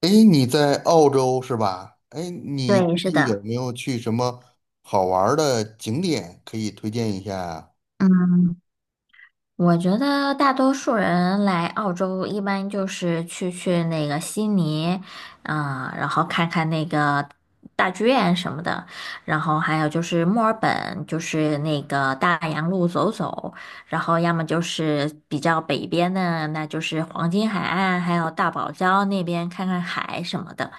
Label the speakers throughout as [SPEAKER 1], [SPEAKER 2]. [SPEAKER 1] 诶，你在澳洲是吧？诶，你
[SPEAKER 2] 对，
[SPEAKER 1] 最
[SPEAKER 2] 是
[SPEAKER 1] 近有
[SPEAKER 2] 的，
[SPEAKER 1] 没有去什么好玩儿的景点可以推荐一下呀？
[SPEAKER 2] 嗯，我觉得大多数人来澳洲一般就是去那个悉尼，然后看看那个大剧院什么的，然后还有就是墨尔本，就是那个大洋路走走，然后要么就是比较北边的，那就是黄金海岸，还有大堡礁那边看看海什么的。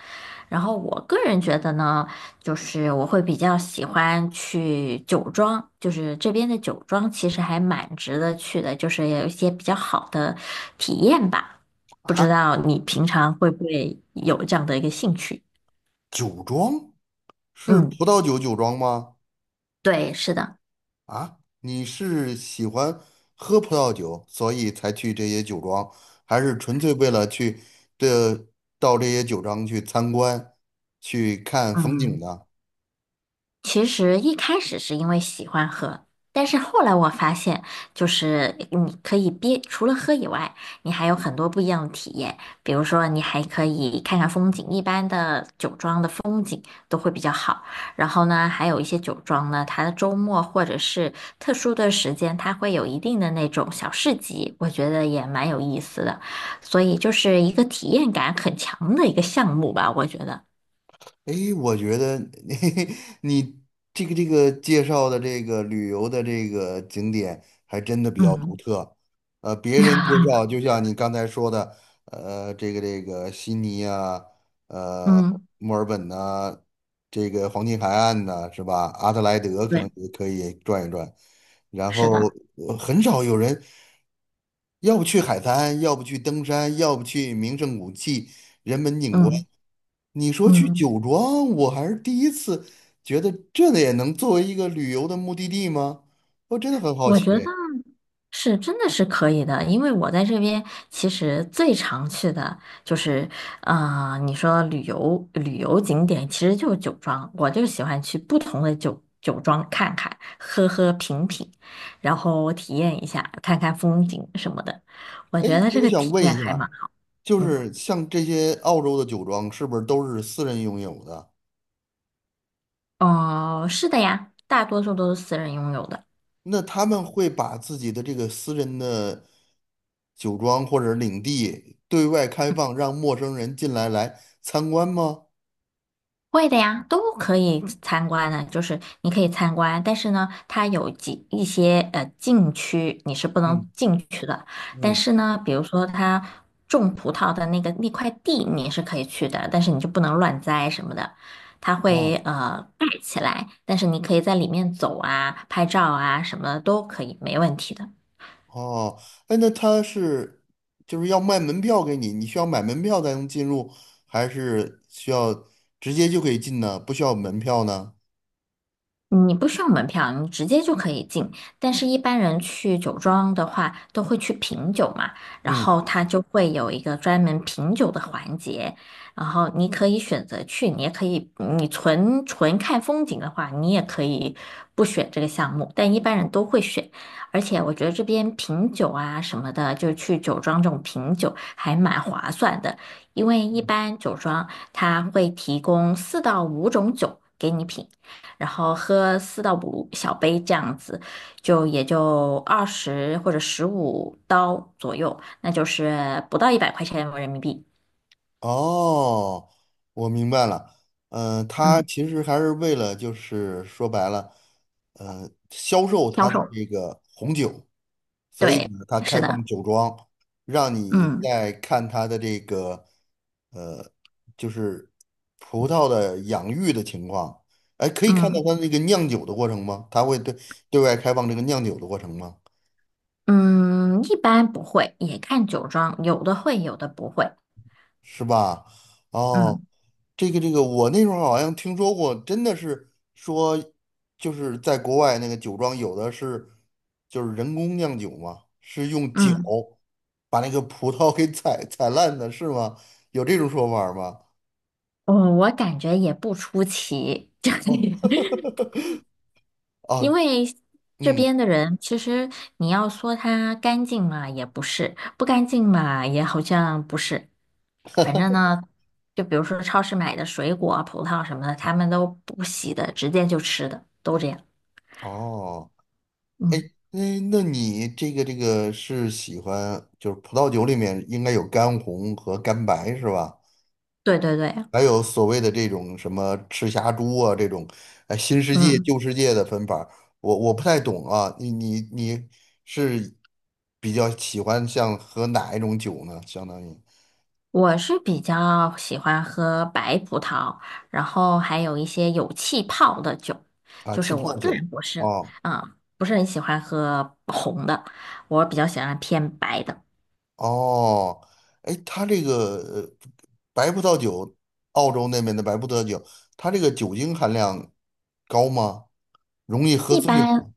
[SPEAKER 2] 然后我个人觉得呢。就是我会比较喜欢去酒庄，就是这边的酒庄其实还蛮值得去的，就是有一些比较好的体验吧。不知
[SPEAKER 1] 啊，
[SPEAKER 2] 道你平常会不会有这样的一个兴趣？
[SPEAKER 1] 酒庄是
[SPEAKER 2] 嗯，
[SPEAKER 1] 葡萄酒庄吗？
[SPEAKER 2] 对，是的。
[SPEAKER 1] 啊，你是喜欢喝葡萄酒，所以才去这些酒庄，还是纯粹为了去这到这些酒庄去参观、去看风景
[SPEAKER 2] 嗯。
[SPEAKER 1] 呢？
[SPEAKER 2] 其实一开始是因为喜欢喝，但是后来我发现，就是你可以除了喝以外，你还有很多不一样的体验。比如说，你还可以看看风景，一般的酒庄的风景都会比较好。然后呢，还有一些酒庄呢，它的周末或者是特殊的时间，它会有一定的那种小市集，我觉得也蛮有意思的。所以就是一个体验感很强的一个项目吧，我觉得。
[SPEAKER 1] 诶，我觉得 你这个介绍的这个旅游的这个景点还真的比较独
[SPEAKER 2] 嗯
[SPEAKER 1] 特。别人介绍就像你刚才说的，这个悉尼啊，呃，
[SPEAKER 2] 嗯，
[SPEAKER 1] 墨尔本呐、这个黄金海岸呐，是吧？阿德莱德可能
[SPEAKER 2] 对，
[SPEAKER 1] 也可以转一转，然
[SPEAKER 2] 是
[SPEAKER 1] 后
[SPEAKER 2] 的，
[SPEAKER 1] 很少有人要不去海滩，要不去登山，要不去名胜古迹，人文景观。
[SPEAKER 2] 嗯。
[SPEAKER 1] 你说去
[SPEAKER 2] 嗯
[SPEAKER 1] 酒庄，我还是第一次觉得这也能作为一个旅游的目的地吗？我真的很好
[SPEAKER 2] 我
[SPEAKER 1] 奇。
[SPEAKER 2] 觉得是真的是可以的，因为我在这边其实最常去的就是，你说旅游景点其实就是酒庄，我就喜欢去不同的酒庄看看，喝喝品品，然后体验一下，看看风景什么的。我
[SPEAKER 1] 哎，
[SPEAKER 2] 觉得这
[SPEAKER 1] 我
[SPEAKER 2] 个
[SPEAKER 1] 想
[SPEAKER 2] 体
[SPEAKER 1] 问
[SPEAKER 2] 验
[SPEAKER 1] 一
[SPEAKER 2] 还蛮
[SPEAKER 1] 下，
[SPEAKER 2] 好。
[SPEAKER 1] 就
[SPEAKER 2] 嗯，
[SPEAKER 1] 是像这些澳洲的酒庄，是不是都是私人拥有的？
[SPEAKER 2] 哦，是的呀，大多数都是私人拥有的。
[SPEAKER 1] 那他们会把自己的这个私人的酒庄或者领地对外开放，让陌生人进来来参观吗？
[SPEAKER 2] 会的呀，都可以嗯参观的，就是你可以参观，但是呢，它有一些禁区你是不
[SPEAKER 1] 嗯
[SPEAKER 2] 能进去的，但
[SPEAKER 1] 嗯。
[SPEAKER 2] 是呢，比如说它种葡萄的那个那块地你是可以去的，但是你就不能乱栽什么的，它会
[SPEAKER 1] 啊。
[SPEAKER 2] 盖起来，但是你可以在里面走啊、拍照啊什么的都可以，没问题的。
[SPEAKER 1] 哦，哎，那他是就是要卖门票给你，你需要买门票才能进入，还是需要直接就可以进呢？不需要门票呢？
[SPEAKER 2] 你不需要门票，你直接就可以进。但是，一般人去酒庄的话，都会去品酒嘛，然
[SPEAKER 1] 嗯，
[SPEAKER 2] 后他就会有一个专门品酒的环节，然后你可以选择去，你也可以，你纯看风景的话，你也可以不选这个项目，但一般人都会选。而且，我觉得这边品酒啊什么的，就是去酒庄这种品酒还蛮划算的，因为一般酒庄它会提供4到5种酒给你品。然后喝4到5小杯这样子，就也就20或者15刀左右，那就是不到100块钱人民币。
[SPEAKER 1] 哦，我明白了。嗯、他
[SPEAKER 2] 嗯，
[SPEAKER 1] 其实还是为了就是说白了，销售
[SPEAKER 2] 销
[SPEAKER 1] 他的
[SPEAKER 2] 售，
[SPEAKER 1] 这个红酒。所以
[SPEAKER 2] 对，
[SPEAKER 1] 呢，他
[SPEAKER 2] 是
[SPEAKER 1] 开放
[SPEAKER 2] 的，
[SPEAKER 1] 酒庄，让你
[SPEAKER 2] 嗯
[SPEAKER 1] 在看他的这个呃，就是葡萄的养育的情况。哎，可以看到
[SPEAKER 2] 嗯
[SPEAKER 1] 他那个酿酒的过程吗？他会对外开放这个酿酒的过程吗？
[SPEAKER 2] 嗯，一般不会，也看酒庄，有的会，有的不会。
[SPEAKER 1] 是吧？哦，
[SPEAKER 2] 嗯
[SPEAKER 1] 这个这个，我那时候好像听说过，真的是说，就是在国外那个酒庄有的是，就是人工酿酒嘛，是用脚
[SPEAKER 2] 嗯，
[SPEAKER 1] 把那个葡萄给踩烂的，是吗？有这种说法儿吗？
[SPEAKER 2] 我感觉也不出奇，就是
[SPEAKER 1] 哦，
[SPEAKER 2] 因
[SPEAKER 1] 哦，
[SPEAKER 2] 为这
[SPEAKER 1] 嗯，
[SPEAKER 2] 边的人，其实你要说他干净嘛，也不是；不干净嘛，也好像不是。反正呢，就比如说超市买的水果啊、葡萄什么的，他们都不洗的，直接就吃的，都这样。
[SPEAKER 1] 哦，
[SPEAKER 2] 嗯，
[SPEAKER 1] 那你这个是喜欢，就是葡萄酒里面应该有干红和干白是吧？
[SPEAKER 2] 对对对，
[SPEAKER 1] 还有所谓的这种什么赤霞珠啊，这种哎新世界
[SPEAKER 2] 嗯，
[SPEAKER 1] 旧世界的分法儿我不太懂啊。你是比较喜欢像喝哪一种酒呢？相当于
[SPEAKER 2] 我是比较喜欢喝白葡萄，然后还有一些有气泡的酒，
[SPEAKER 1] 啊
[SPEAKER 2] 就是
[SPEAKER 1] 气
[SPEAKER 2] 我
[SPEAKER 1] 泡
[SPEAKER 2] 个
[SPEAKER 1] 酒
[SPEAKER 2] 人不是，
[SPEAKER 1] 啊，
[SPEAKER 2] 不是很喜欢喝红的，我比较喜欢偏白的。
[SPEAKER 1] 哦，哎，它这个白葡萄酒，澳洲那边的白葡萄酒，它这个酒精含量高吗？容易喝
[SPEAKER 2] 一
[SPEAKER 1] 醉
[SPEAKER 2] 般
[SPEAKER 1] 吗？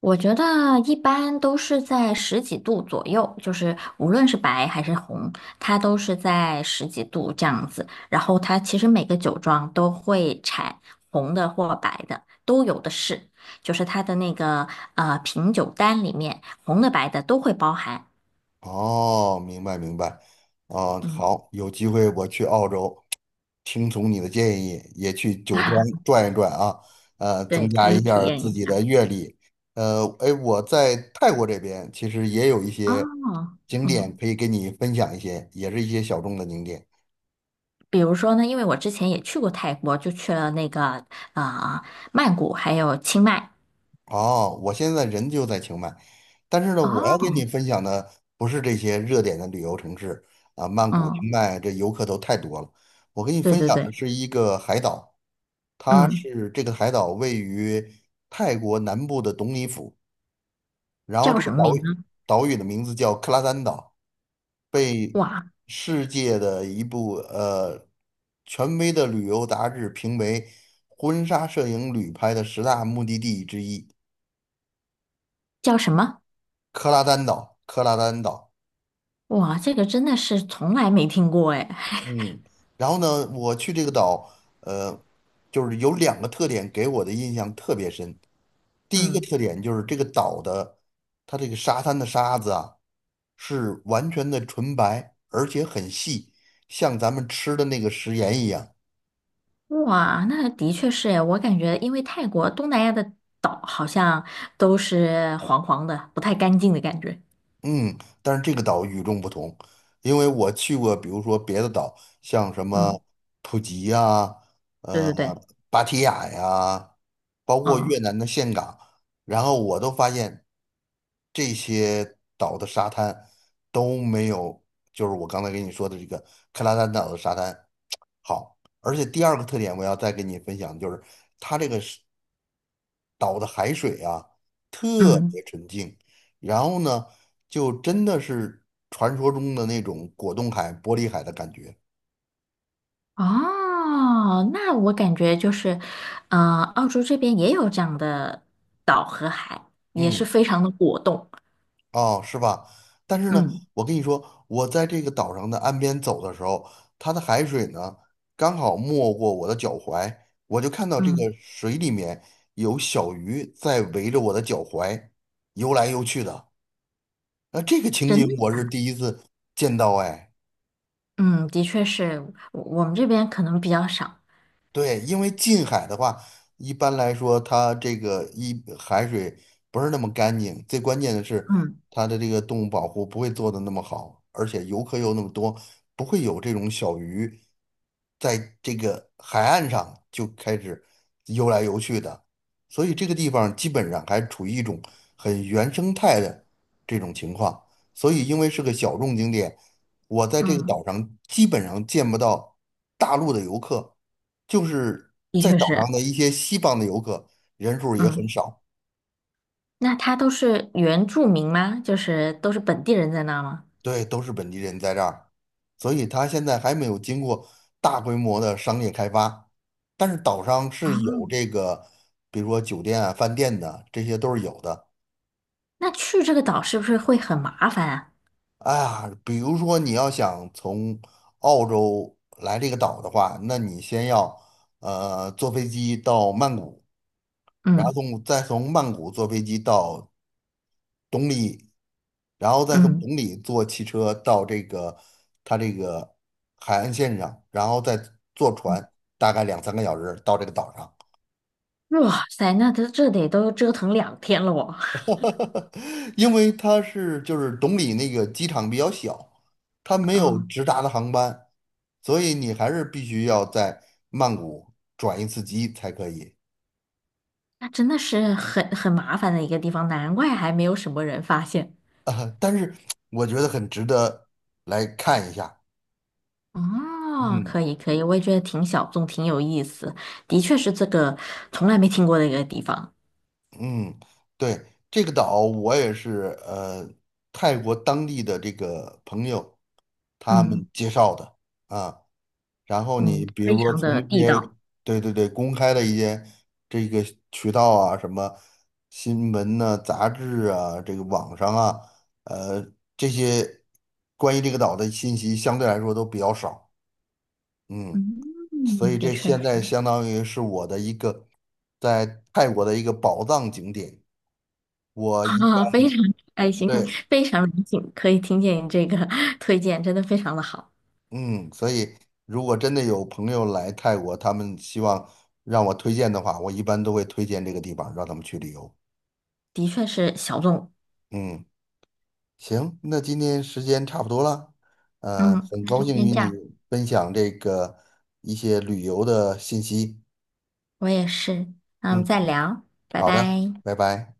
[SPEAKER 2] 我觉得一般都是在十几度左右，就是无论是白还是红，它都是在十几度这样子。然后它其实每个酒庄都会产红的或白的，都有的是，就是它的那个品酒单里面，红的白的都会包含。
[SPEAKER 1] 哦，明白明白。啊，
[SPEAKER 2] 嗯
[SPEAKER 1] 好，有机会我去澳洲，听从你的建议，也去酒庄 转一转啊，
[SPEAKER 2] 对，
[SPEAKER 1] 增
[SPEAKER 2] 可
[SPEAKER 1] 加
[SPEAKER 2] 以
[SPEAKER 1] 一下
[SPEAKER 2] 体
[SPEAKER 1] 儿
[SPEAKER 2] 验一
[SPEAKER 1] 自己
[SPEAKER 2] 下。
[SPEAKER 1] 的阅历。哎，我在泰国这边其实也有一些
[SPEAKER 2] 哦，
[SPEAKER 1] 景点
[SPEAKER 2] 嗯，
[SPEAKER 1] 可以给你分享一些，也是一些小众的景点。
[SPEAKER 2] 比如说呢，因为我之前也去过泰国，就去了那个啊、呃曼谷还有清迈。
[SPEAKER 1] 哦，我现在人就在清迈，但是呢，我要跟
[SPEAKER 2] 哦，
[SPEAKER 1] 你分享的不是这些热点的旅游城市啊，曼谷、
[SPEAKER 2] 嗯。
[SPEAKER 1] 清迈这游客都太多了。我跟你
[SPEAKER 2] 对
[SPEAKER 1] 分
[SPEAKER 2] 对
[SPEAKER 1] 享的
[SPEAKER 2] 对，
[SPEAKER 1] 是一个海岛，它
[SPEAKER 2] 嗯，
[SPEAKER 1] 是这个海岛位于泰国南部的董里府，然后
[SPEAKER 2] 叫
[SPEAKER 1] 这个
[SPEAKER 2] 什么
[SPEAKER 1] 岛
[SPEAKER 2] 名
[SPEAKER 1] 屿
[SPEAKER 2] 呢？
[SPEAKER 1] 岛屿的名字叫克拉丹岛，
[SPEAKER 2] 哇，
[SPEAKER 1] 世界的一部权威的旅游杂志评为婚纱摄影旅拍的十大目的地之一，
[SPEAKER 2] 叫什么？
[SPEAKER 1] 克拉丹岛，克拉丹岛。
[SPEAKER 2] 哇，这个真的是从来没听过哎。
[SPEAKER 1] 嗯，然后呢，我去这个岛，呃，就是有两个特点给我的印象特别深。第一个
[SPEAKER 2] 嗯，
[SPEAKER 1] 特点就是这个岛的，它这个沙滩的沙子啊，是完全的纯白，而且很细，像咱们吃的那个食盐一样。
[SPEAKER 2] 哇，那的确是哎，我感觉因为泰国东南亚的岛好像都是黄黄的，不太干净的感觉。
[SPEAKER 1] 嗯，但是这个岛与众不同，因为我去过，比如说别的岛，像什
[SPEAKER 2] 嗯，
[SPEAKER 1] 么普吉呀、
[SPEAKER 2] 对
[SPEAKER 1] 呃，
[SPEAKER 2] 对对，
[SPEAKER 1] 芭提雅呀，包括越
[SPEAKER 2] 嗯
[SPEAKER 1] 南的岘港，然后我都发现这些岛的沙滩都没有，就是我刚才跟你说的这个克拉丹岛的沙滩好。而且第二个特点，我要再跟你分享，就是它这个岛的海水啊特
[SPEAKER 2] 嗯，
[SPEAKER 1] 别纯净，然后呢，就真的是传说中的那种果冻海、玻璃海的感觉。
[SPEAKER 2] 哦，那我感觉就是，呃，澳洲这边也有这样的岛和海，也是
[SPEAKER 1] 嗯，
[SPEAKER 2] 非常的果冻。
[SPEAKER 1] 哦，是吧？但是呢，
[SPEAKER 2] 嗯
[SPEAKER 1] 我跟你说，我在这个岛上的岸边走的时候，它的海水呢刚好没过我的脚踝，我就看到这个
[SPEAKER 2] 嗯。
[SPEAKER 1] 水里面有小鱼在围着我的脚踝游来游去的。那这个情景
[SPEAKER 2] 真的
[SPEAKER 1] 我是第一次见到，哎。
[SPEAKER 2] 嗯，的确是，我们这边可能比较少。
[SPEAKER 1] 对，因为近海的话，一般来说，它这个海水不是那么干净，最关键的是
[SPEAKER 2] 嗯
[SPEAKER 1] 它的这个动物保护不会做的那么好，而且游客又那么多，不会有这种小鱼在这个海岸上就开始游来游去的，所以这个地方基本上还处于一种很原生态的这种情况，所以因为是个小众景点，我在这个
[SPEAKER 2] 嗯，
[SPEAKER 1] 岛上基本上见不到大陆的游客。就是
[SPEAKER 2] 的
[SPEAKER 1] 在
[SPEAKER 2] 确
[SPEAKER 1] 岛上
[SPEAKER 2] 是。
[SPEAKER 1] 的一些西方的游客人数儿也很
[SPEAKER 2] 嗯，
[SPEAKER 1] 少。
[SPEAKER 2] 那他都是原住民吗？就是都是本地人在那儿吗？
[SPEAKER 1] 对，都是本地人在这儿，所以它现在还没有经过大规模的商业开发，但是岛上是有这个，比如说酒店啊、饭店的，这些都是有的。
[SPEAKER 2] 那去这个岛是不是会很麻烦啊？
[SPEAKER 1] 哎呀，比如说你要想从澳洲来这个岛的话，那你先要坐飞机到曼谷，然后
[SPEAKER 2] 嗯
[SPEAKER 1] 再从曼谷坐飞机到然后再从崇
[SPEAKER 2] 嗯，
[SPEAKER 1] 礼坐汽车到这个它这个海岸线上，然后再坐船，大概两三个小时到这个岛上。
[SPEAKER 2] 哇塞，那这得都折腾2天了我。
[SPEAKER 1] 因为它是就是崇礼那个机场比较小，它 没有
[SPEAKER 2] 嗯，
[SPEAKER 1] 直达的航班，所以你还是必须要在曼谷转一次机才可以。
[SPEAKER 2] 那真的是很麻烦的一个地方，难怪还没有什么人发现。
[SPEAKER 1] 但是我觉得很值得来看一下。
[SPEAKER 2] 哦，
[SPEAKER 1] 嗯。
[SPEAKER 2] 可以可以，我也觉得挺小众，挺有意思，的确是这个从来没听过的一个地方。
[SPEAKER 1] 嗯，对，这个岛我也是呃，泰国当地的这个朋友他们
[SPEAKER 2] 嗯。
[SPEAKER 1] 介绍的啊。然后你
[SPEAKER 2] 嗯
[SPEAKER 1] 比
[SPEAKER 2] 非
[SPEAKER 1] 如说
[SPEAKER 2] 常
[SPEAKER 1] 从
[SPEAKER 2] 的
[SPEAKER 1] 一
[SPEAKER 2] 地
[SPEAKER 1] 些
[SPEAKER 2] 道。
[SPEAKER 1] 对对对公开的一些这个渠道啊，什么新闻呐、杂志啊、这个网上啊，呃，这些关于这个岛的信息相对来说都比较少。嗯，所以
[SPEAKER 2] 嗯，的
[SPEAKER 1] 这
[SPEAKER 2] 确
[SPEAKER 1] 现
[SPEAKER 2] 是，
[SPEAKER 1] 在相当于是我的一个在泰国的一个宝藏景点。我一
[SPEAKER 2] 啊，非常开心，
[SPEAKER 1] 对，
[SPEAKER 2] 非常荣幸可以听见你这个 推荐，真的非常的好，
[SPEAKER 1] 嗯，所以如果真的有朋友来泰国，他们希望让我推荐的话，我一般都会推荐这个地方让他们去旅游。
[SPEAKER 2] 的确是小众。
[SPEAKER 1] 嗯，行，那今天时间差不多了，
[SPEAKER 2] 嗯，
[SPEAKER 1] 很
[SPEAKER 2] 那
[SPEAKER 1] 高
[SPEAKER 2] 就
[SPEAKER 1] 兴
[SPEAKER 2] 先
[SPEAKER 1] 与
[SPEAKER 2] 这
[SPEAKER 1] 你
[SPEAKER 2] 样，
[SPEAKER 1] 分享这个一些旅游的信息。
[SPEAKER 2] 我也是。那我们
[SPEAKER 1] 嗯，
[SPEAKER 2] 再聊，拜
[SPEAKER 1] 好的，
[SPEAKER 2] 拜。
[SPEAKER 1] 拜拜。